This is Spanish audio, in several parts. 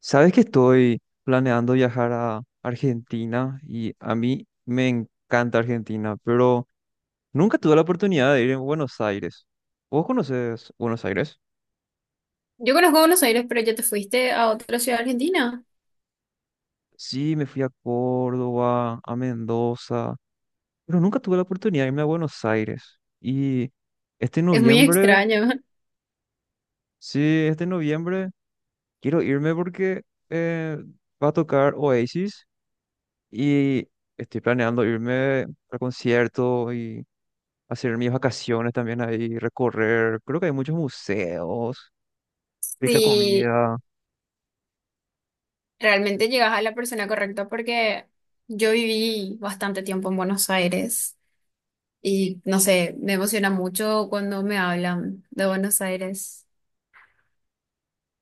Sabes que estoy planeando viajar a Argentina y a mí me encanta Argentina, pero nunca tuve la oportunidad de ir en Buenos Aires. ¿Vos conoces Buenos Aires? Yo conozco Buenos Aires, pero ya te fuiste a otra ciudad argentina. Sí, me fui a Córdoba, a Mendoza, pero nunca tuve la oportunidad de irme a Buenos Aires. Y este Es muy noviembre, extraño. sí, este noviembre quiero irme porque eh, va a tocar Oasis y estoy planeando irme al concierto y hacer mis vacaciones también ahí, recorrer. Creo que hay muchos museos, rica Si comida. realmente llegas a la persona correcta, porque yo viví bastante tiempo en Buenos Aires y no sé, me emociona mucho cuando me hablan de Buenos Aires.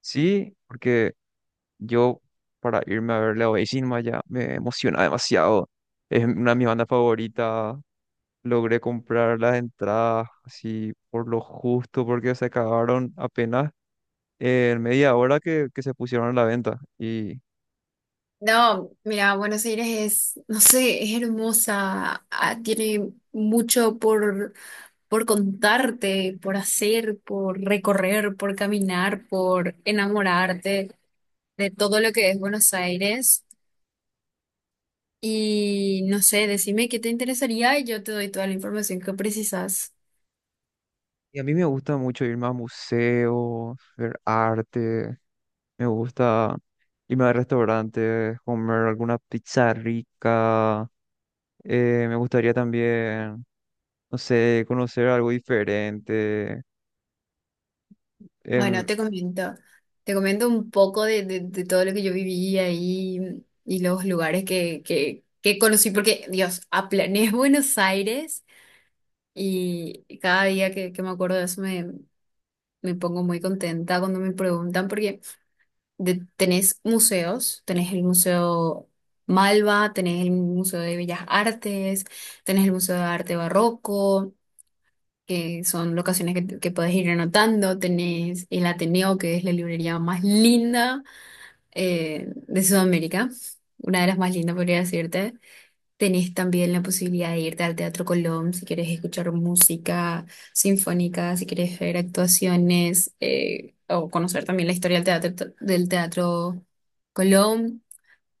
Sí, porque yo para irme a ver Leo Bellín ya me emociona demasiado. Es una de mis bandas favoritas. Logré comprar las entradas así por lo justo porque se acabaron apenas en media hora que se pusieron a la venta. No, mira, Buenos Aires es, no sé, es hermosa, ah, tiene mucho por contarte, por hacer, por recorrer, por caminar, por enamorarte de todo lo que es Buenos Aires. Y no sé, decime qué te interesaría y yo te doy toda la información que precisas. Y a mí me gusta mucho ir más a museos, ver arte. Me gusta irme a restaurantes, comer alguna pizza rica. Me gustaría también, no sé, conocer algo diferente. Bueno, em, te comento. Te comento un poco de todo lo que yo viví ahí y los lugares que conocí, porque, Dios, aplané Buenos Aires y cada día que me acuerdo de eso me pongo muy contenta cuando me preguntan, porque tenés museos, tenés el Museo Malva, tenés el Museo de Bellas Artes, tenés el Museo de Arte Barroco, que son locaciones que podés ir anotando, tenés el Ateneo, que es la librería más linda, de Sudamérica, una de las más lindas, podría decirte. Tenés también la posibilidad de irte al Teatro Colón si quieres escuchar música sinfónica, si quieres ver actuaciones, o conocer también la historia del Teatro Colón.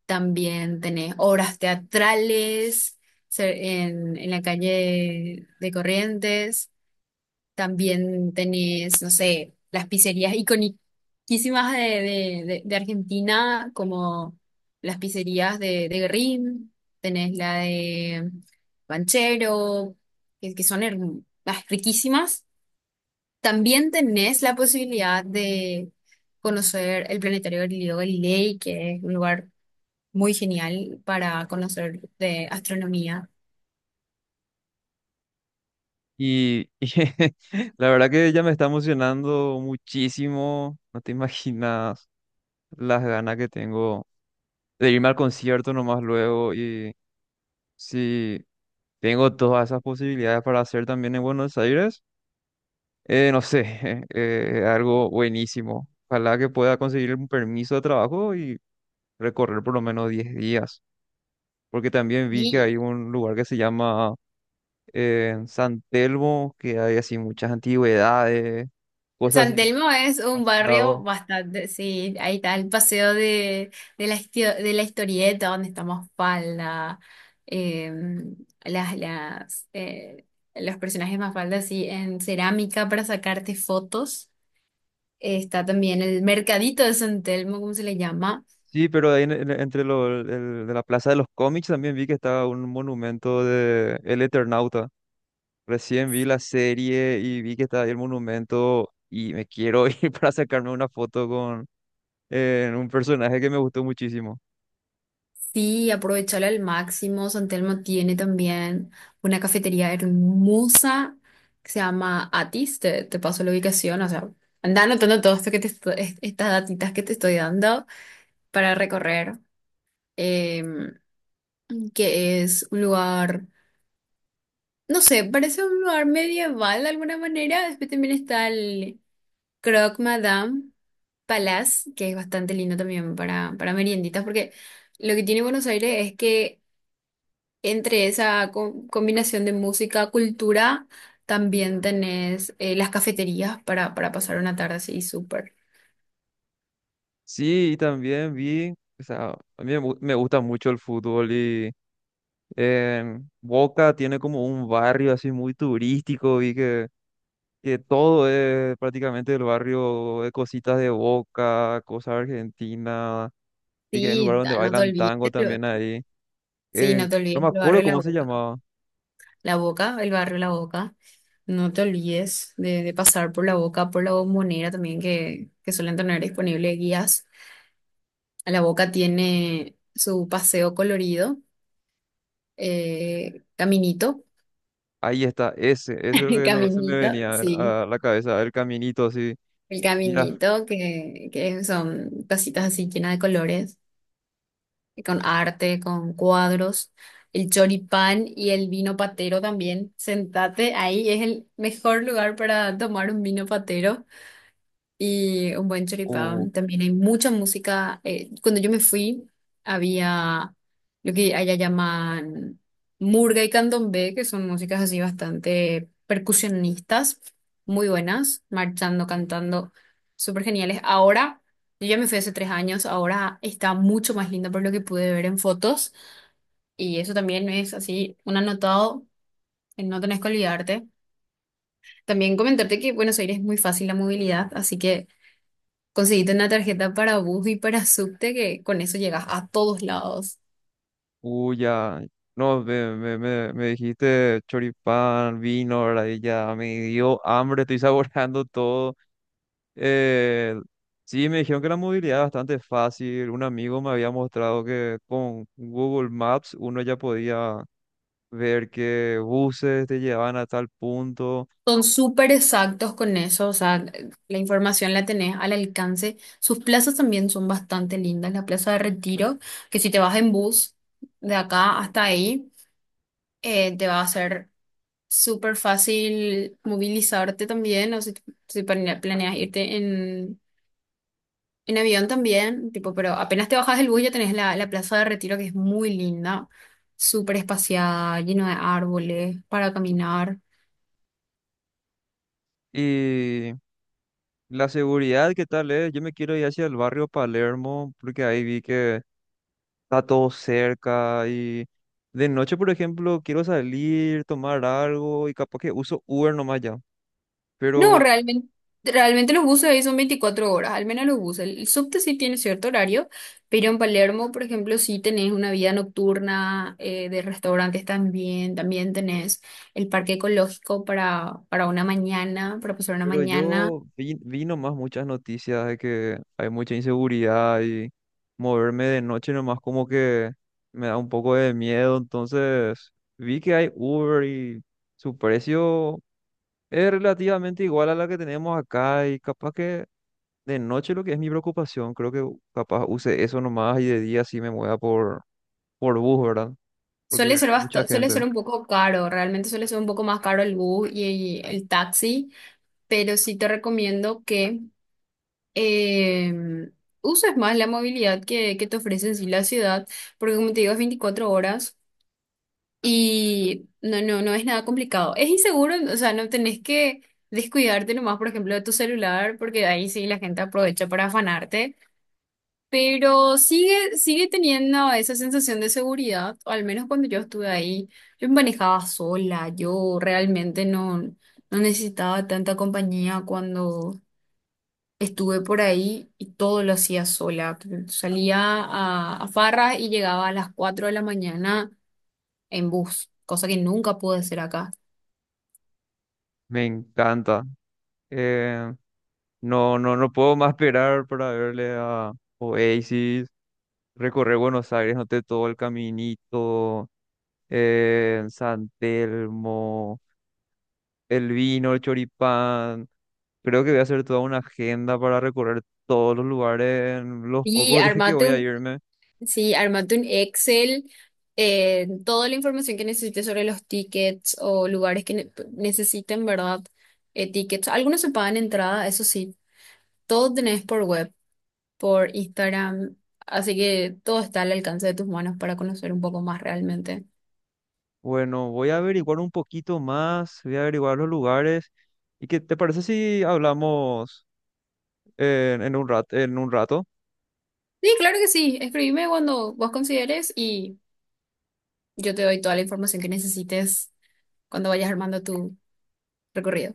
También tenés obras teatrales en la calle de Corrientes. También tenés, no sé, las pizzerías iconiquísimas de Argentina, como las pizzerías de Guerrín, tenés la de Banchero, que son riquísimas. También tenés la posibilidad de conocer el planetario Galileo Galilei, que es un lugar muy genial para conocer de astronomía. y, y la verdad que ya me está emocionando muchísimo. No te imaginas las ganas que tengo de irme al concierto nomás luego. Y si tengo todas esas posibilidades para hacer también en Buenos Aires. No sé, algo buenísimo. Ojalá que pueda conseguir un permiso de trabajo y recorrer por lo menos 10 días. Porque también vi que hay Y un lugar que se llama San Telmo, que hay así muchas antigüedades, cosas San así que Telmo es un barrio demasiado. bastante, sí, ahí está el paseo de la historieta, donde estamos Mafalda, eh, las, las, eh, los personajes Mafalda, sí, en cerámica para sacarte fotos. Está también el mercadito de San Telmo, ¿cómo se le llama? Sí, pero ahí entre de la Plaza de los Cómics también vi que estaba un monumento de El Eternauta. Recién vi la serie y vi que estaba ahí el monumento y me quiero ir para sacarme una foto en un personaje que me gustó muchísimo. Sí, aprovechala al máximo. San Telmo tiene también una cafetería hermosa que se llama Atis. Te paso la ubicación, o sea, anda anotando todo esto que te estas datitas que te estoy dando para recorrer, em, que es un lugar, no sé, parece un lugar medieval de alguna manera. Después también está el Croque Madame Palace, que es bastante lindo también para merienditas, porque lo que tiene Buenos Aires es que entre esa combinación de música, cultura, también tenés, las cafeterías para pasar una tarde así súper. Sí, y también vi, o sea, a mí me, me gusta mucho el fútbol y en Boca tiene como un barrio así muy turístico y que todo es prácticamente el barrio de cositas de Boca, cosas argentinas, y que hay un lugar Sí, donde no te bailan tango olvides. también ahí. Sí, no te No olvides me el acuerdo barrio La cómo se Boca. llamaba. La Boca, el barrio La Boca. No te olvides de pasar por La Boca, por la Bombonera también, que suelen tener disponibles guías. La Boca tiene su paseo colorido, caminito, Ahí está, ese es lo que no se me caminito, venía sí. a la cabeza, el caminito así. El Mira, caminito, que son tacitas así llenas de colores, con arte, con cuadros, el choripán y el vino patero también. Sentate ahí, es el mejor lugar para tomar un vino patero y un buen choripán. También hay mucha música. Cuando yo me fui, había lo que allá llaman murga y candombe, que son músicas así bastante percusionistas, muy buenas, marchando, cantando, súper geniales. Ahora, yo ya me fui hace 3 años, ahora está mucho más lindo por lo que pude ver en fotos, y eso también es así un anotado, en no tenés que olvidarte. También comentarte que Buenos Aires es muy fácil la movilidad, así que conseguiste una tarjeta para bus y para subte que con eso llegas a todos lados. uh, ya. No, me dijiste choripán, vino, ¿verdad? Y ya me dio hambre, estoy saboreando todo. Eh, sí, me dijeron que la movilidad es bastante fácil. Un amigo me había mostrado que con Google Maps uno ya podía ver qué buses te llevaban a tal punto. Son súper exactos con eso, o sea, la información la tenés al alcance. Sus plazas también son bastante lindas. La Plaza de Retiro, que si te vas en bus de acá hasta ahí, te va a ser súper fácil movilizarte también, o si planeas irte en avión también, tipo, pero apenas te bajas del bus ya tenés la Plaza de Retiro que es muy linda, súper espaciada, lleno de árboles para caminar. Y la seguridad, ¿qué tal es? Yo me quiero ir hacia el barrio Palermo porque ahí vi que está todo cerca y de noche, por ejemplo, quiero salir, tomar algo y capaz que uso Uber nomás ya. No, Pero, realmente los buses ahí son 24 horas, al menos los buses. El subte sí tiene cierto horario, pero en Palermo, por ejemplo, sí tenés una vida nocturna, de restaurantes también, también tenés el parque ecológico para una mañana, para pasar una pero mañana. yo vi, vi nomás muchas noticias de que hay mucha inseguridad y moverme de noche nomás como que me da un poco de miedo. Entonces vi que hay Uber y su precio es relativamente igual a la que tenemos acá y capaz que de noche lo que es mi preocupación, creo que capaz use eso nomás y de día sí me mueva por bus, ¿verdad? Porque Suele ser hay mucha suele gente. ser un poco caro, realmente suele ser un poco más caro el bus y el taxi, pero sí te recomiendo que em, uses más la movilidad que te ofrece en sí la ciudad, porque como te digo, es 24 horas y no es nada complicado. Es inseguro, o sea, no tenés que descuidarte nomás, por ejemplo, de tu celular, porque ahí sí la gente aprovecha para afanarte. Pero sigue teniendo esa sensación de seguridad, o al menos cuando yo estuve ahí, yo me manejaba sola, yo realmente no necesitaba tanta compañía cuando estuve por ahí y todo lo hacía sola. Salía a farras y llegaba a las 4 de la mañana en bus, cosa que nunca pude hacer acá. Me encanta. Eh, no, puedo más esperar para verle a Oasis, recorrer Buenos Aires, noté todo el caminito, San Telmo, el vino, el choripán. Creo que voy a hacer toda una agenda para recorrer todos los lugares en los Y pocos días que voy a armate irme. Sí, armate un Excel, toda la información que necesites sobre los tickets o lugares que necesiten, ¿verdad? Tickets. Algunos se pagan entrada, eso sí, todo tenés por web, por Instagram, así que todo está al alcance de tus manos para conocer un poco más realmente. Bueno, voy a averiguar un poquito más, voy a averiguar los lugares. ¿Y qué te parece si hablamos? En un rato. Sí, claro que sí, escribime cuando vos consideres y yo te doy toda la información que necesites cuando vayas armando tu recorrido.